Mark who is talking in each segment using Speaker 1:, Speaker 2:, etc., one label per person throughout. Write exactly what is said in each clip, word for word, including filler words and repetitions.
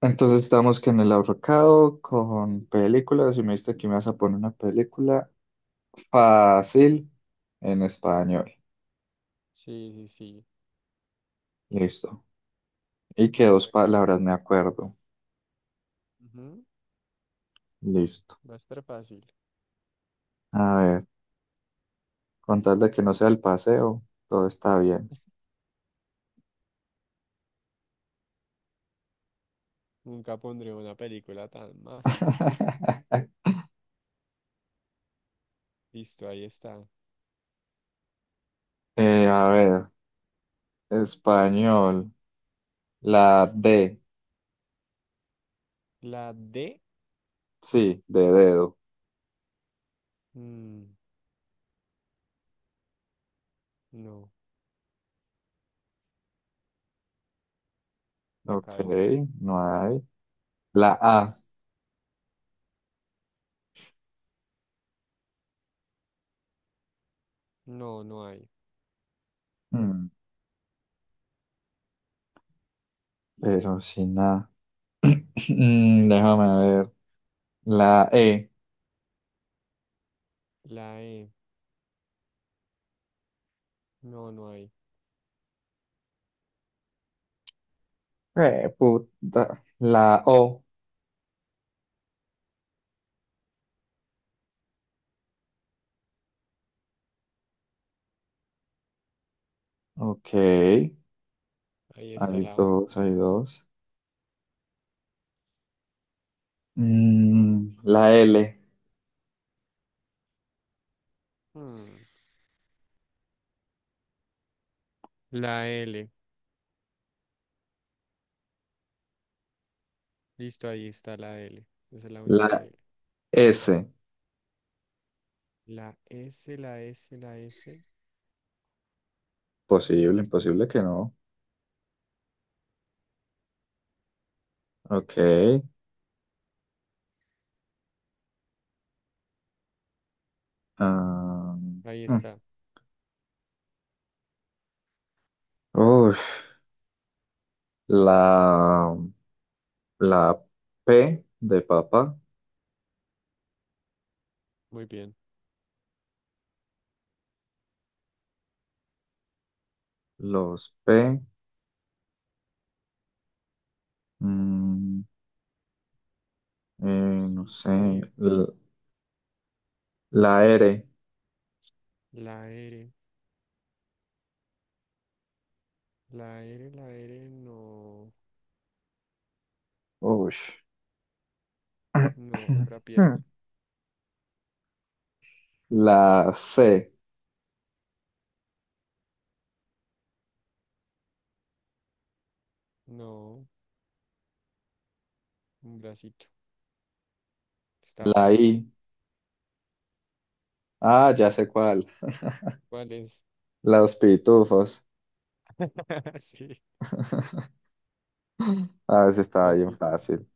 Speaker 1: Entonces estamos que en el ahorcado con películas y me dijiste que me vas a poner una película fácil en español.
Speaker 2: Sí, sí, sí.
Speaker 1: Listo. Y que
Speaker 2: A
Speaker 1: dos
Speaker 2: ver,
Speaker 1: palabras me acuerdo.
Speaker 2: ujú,
Speaker 1: Listo.
Speaker 2: va a estar fácil.
Speaker 1: A ver, con tal de que no sea el paseo, todo está bien.
Speaker 2: Nunca pondré una película tan mal. Listo, ahí está.
Speaker 1: Eh, a ver, español. La D.
Speaker 2: La D.
Speaker 1: Sí, de dedo.
Speaker 2: Mm, no, la
Speaker 1: Ok,
Speaker 2: cabeza.
Speaker 1: no hay. La A.
Speaker 2: No, no hay.
Speaker 1: Mm, pero sin A. Mm, déjame ver. La E.
Speaker 2: La E. No, no hay.
Speaker 1: Eh, puta. La O. Ok.
Speaker 2: Ahí está
Speaker 1: Hay
Speaker 2: la O.
Speaker 1: dos, hay dos. Mm, la L.
Speaker 2: Mm, la L. Listo, ahí está la L. Esa es la única
Speaker 1: La
Speaker 2: L.
Speaker 1: S.
Speaker 2: La S, la S, la S.
Speaker 1: Posible, imposible que no. Ok. ah,
Speaker 2: Ahí
Speaker 1: mm.
Speaker 2: está.
Speaker 1: Uf. la, la P de papa.
Speaker 2: Muy bien.
Speaker 1: Los P. mm, eh, no
Speaker 2: Sí.
Speaker 1: sé. l-
Speaker 2: Y
Speaker 1: La R.
Speaker 2: la R. La R, la R, no.
Speaker 1: Ush.
Speaker 2: No, otra pierna.
Speaker 1: La C.
Speaker 2: No. Un bracito. Está
Speaker 1: La I.
Speaker 2: fácil.
Speaker 1: Ah, ya
Speaker 2: Muy
Speaker 1: sé
Speaker 2: bien.
Speaker 1: cuál.
Speaker 2: ¿Cuál es?
Speaker 1: Los pitufos.
Speaker 2: Sí,
Speaker 1: A ver si está
Speaker 2: los
Speaker 1: bien
Speaker 2: pitufos.
Speaker 1: fácil.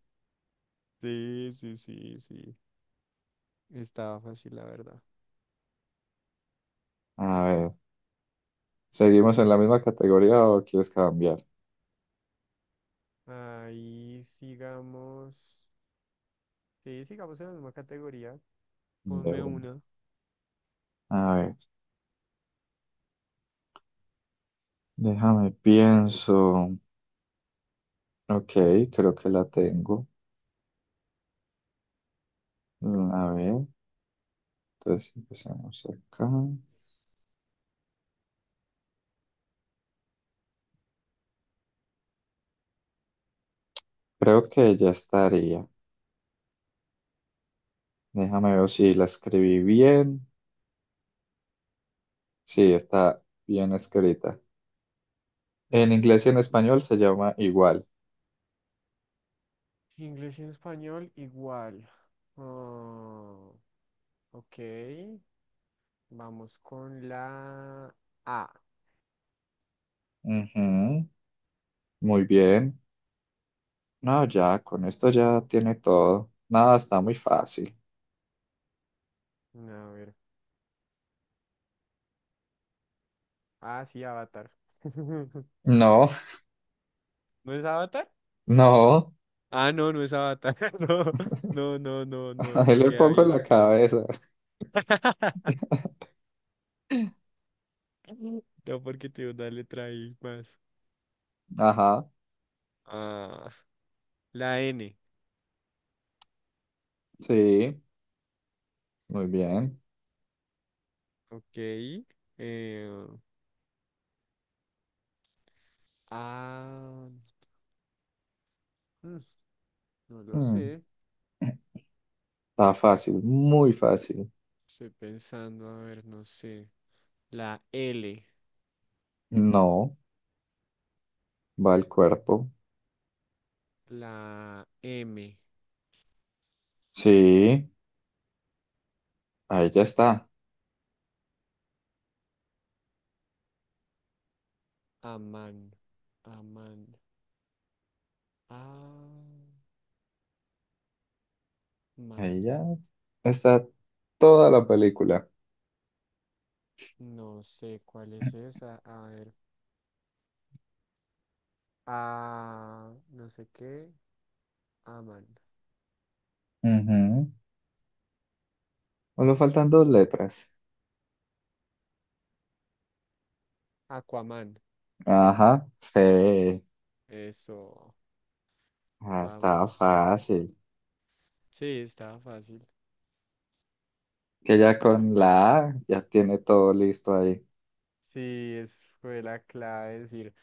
Speaker 2: Sí, sí, sí, sí. Estaba fácil, la verdad.
Speaker 1: A ver, ¿seguimos en la misma categoría o quieres cambiar
Speaker 2: Ahí sigamos. Sí, sigamos en la misma categoría.
Speaker 1: de
Speaker 2: Ponme
Speaker 1: uno?
Speaker 2: una.
Speaker 1: A ver, déjame pienso. Ok, creo que la tengo. Mm, A ver, entonces empezamos acá. Creo que ya estaría. Déjame ver si la escribí bien. Sí, está bien escrita. En
Speaker 2: Listo,
Speaker 1: inglés y en
Speaker 2: listo.
Speaker 1: español se llama igual.
Speaker 2: Inglés y español igual. Ah, ok. Vamos con la A.
Speaker 1: Ujú, muy bien. No, ya, con esto ya tiene todo. Nada, está muy fácil.
Speaker 2: A ver. Ah, sí, Avatar.
Speaker 1: No,
Speaker 2: ¿No es Avatar?
Speaker 1: no.
Speaker 2: Ah, no, no es Avatar. No, no, no, no, no,
Speaker 1: Ahí
Speaker 2: no
Speaker 1: le
Speaker 2: queda
Speaker 1: pongo
Speaker 2: bien, no
Speaker 1: la
Speaker 2: queda bien.
Speaker 1: cabeza.
Speaker 2: No, porque tiene una letra ahí más.
Speaker 1: Ajá,
Speaker 2: Ah, la N.
Speaker 1: sí, muy bien.
Speaker 2: Ok. Eh, ah, mm, no lo
Speaker 1: Mm,
Speaker 2: sé.
Speaker 1: Está fácil, muy fácil.
Speaker 2: Estoy pensando, a ver, no sé. La L.
Speaker 1: No, va el cuerpo.
Speaker 2: La M.
Speaker 1: Sí, ahí ya está.
Speaker 2: Aman. Aman. Aman.
Speaker 1: Ahí ya está toda la película.
Speaker 2: No sé cuál es esa. A ver. Ah, no sé qué. Aman.
Speaker 1: Ujú. Solo faltan dos letras.
Speaker 2: Aquaman.
Speaker 1: Ajá, sí,
Speaker 2: Eso.
Speaker 1: ah, estaba
Speaker 2: Vamos.
Speaker 1: fácil.
Speaker 2: Sí, estaba fácil.
Speaker 1: Que ya con la A ya tiene todo listo ahí.
Speaker 2: Sí, es, fue la clave decir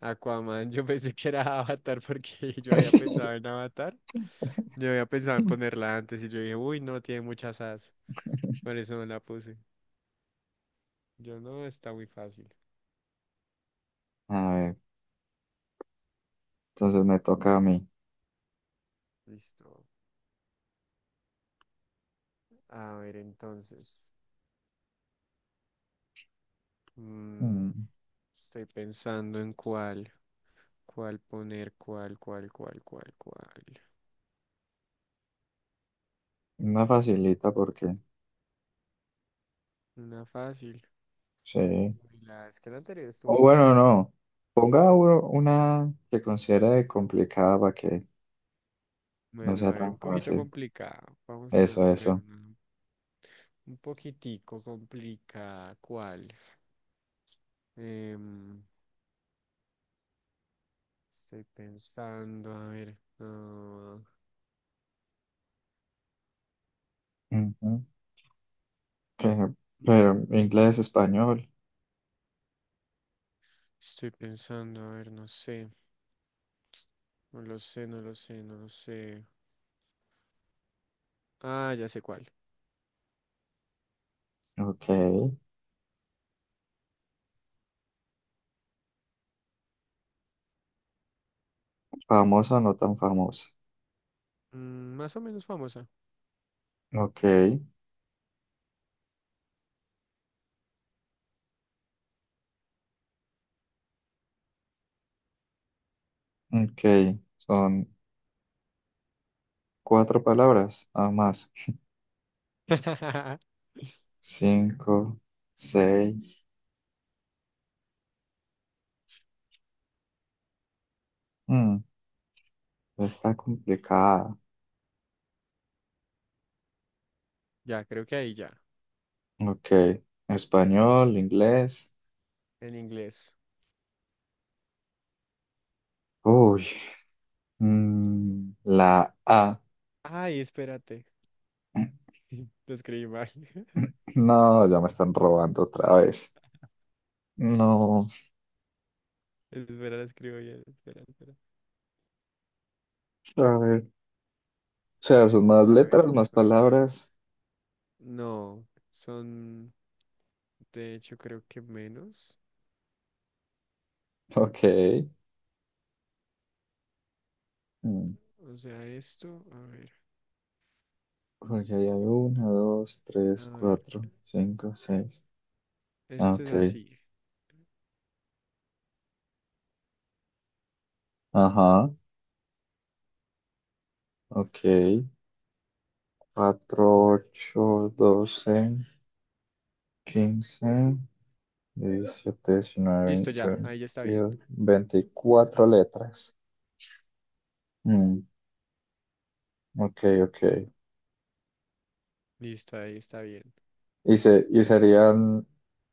Speaker 2: Aquaman. Yo pensé que era Avatar porque yo había pensado en Avatar. Yo había pensado
Speaker 1: Sí.
Speaker 2: en ponerla antes y yo dije, uy, no, tiene muchas as. Por eso no la puse. Yo no, está muy fácil.
Speaker 1: A ver, entonces me toca a mí.
Speaker 2: Listo. A ver, entonces. mm,
Speaker 1: Mm,
Speaker 2: Estoy pensando en cuál. ¿Cuál poner? ¿Cuál, cuál, cuál, cuál, cuál?
Speaker 1: Una facilita porque,
Speaker 2: Una fácil.
Speaker 1: sí.
Speaker 2: Uy, la vez que la anterior
Speaker 1: O
Speaker 2: estuvo fa.
Speaker 1: bueno, no. Ponga uno- una que considere complicada para que no
Speaker 2: Bueno,
Speaker 1: sea
Speaker 2: a ver,
Speaker 1: tan
Speaker 2: un poquito
Speaker 1: fácil.
Speaker 2: complicado. Vamos
Speaker 1: Eso,
Speaker 2: a poner
Speaker 1: eso.
Speaker 2: una un poquitico complicada. ¿Cuál? Em, Estoy pensando, a ver. ah,
Speaker 1: Ujú. Que- pero
Speaker 2: mm,
Speaker 1: inglés, español.
Speaker 2: Estoy pensando, a ver, no sé. No lo sé, no lo sé, no lo sé. Ah, ya sé cuál.
Speaker 1: Ok. Famosa, no tan famosa.
Speaker 2: Mm, más o menos famosa.
Speaker 1: Ok. Ok. Son cuatro palabras, nada más. Cinco, seis. Mm, Está complicada.
Speaker 2: Ya, creo que ahí ya.
Speaker 1: Ok. Español, inglés.
Speaker 2: En inglés.
Speaker 1: Uy. Mm, la A.
Speaker 2: Ay, espérate. Lo escribí mal.
Speaker 1: No, ya me están robando otra vez. No.
Speaker 2: Espera, lo escribo bien. Espera, espera.
Speaker 1: A ver. O sea, son más
Speaker 2: A
Speaker 1: letras,
Speaker 2: ver.
Speaker 1: más palabras.
Speaker 2: No, son de hecho creo que menos.
Speaker 1: Ok. Mm,
Speaker 2: O sea, esto, a ver,
Speaker 1: Porque ahí hay una, dos,
Speaker 2: a
Speaker 1: tres,
Speaker 2: ver,
Speaker 1: cuatro, cinco, seis. Ah,
Speaker 2: esto es
Speaker 1: ok.
Speaker 2: así.
Speaker 1: Ajá. Ok. Cuatro, ocho, doce, quince. Diecisiete diecinueve
Speaker 2: Listo,
Speaker 1: veinte
Speaker 2: ya, ahí ya está bien.
Speaker 1: veintidós veinticuatro letras. Mm, ok, ok.
Speaker 2: Listo, ahí está bien.
Speaker 1: Y, se, y serían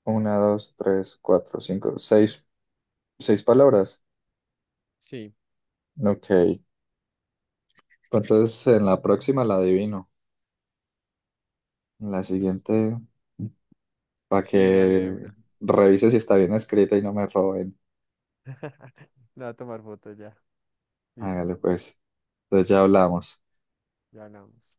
Speaker 1: una, dos, tres, cuatro, cinco, seis, seis palabras.
Speaker 2: Sí,
Speaker 1: Ok. Entonces en la próxima la adivino. En la siguiente, para
Speaker 2: sí, dale de
Speaker 1: que
Speaker 2: una.
Speaker 1: revise si está bien escrita y no me roben.
Speaker 2: Le voy a tomar foto ya. Listo,
Speaker 1: Hágale pues. Entonces ya hablamos.
Speaker 2: ya hablamos.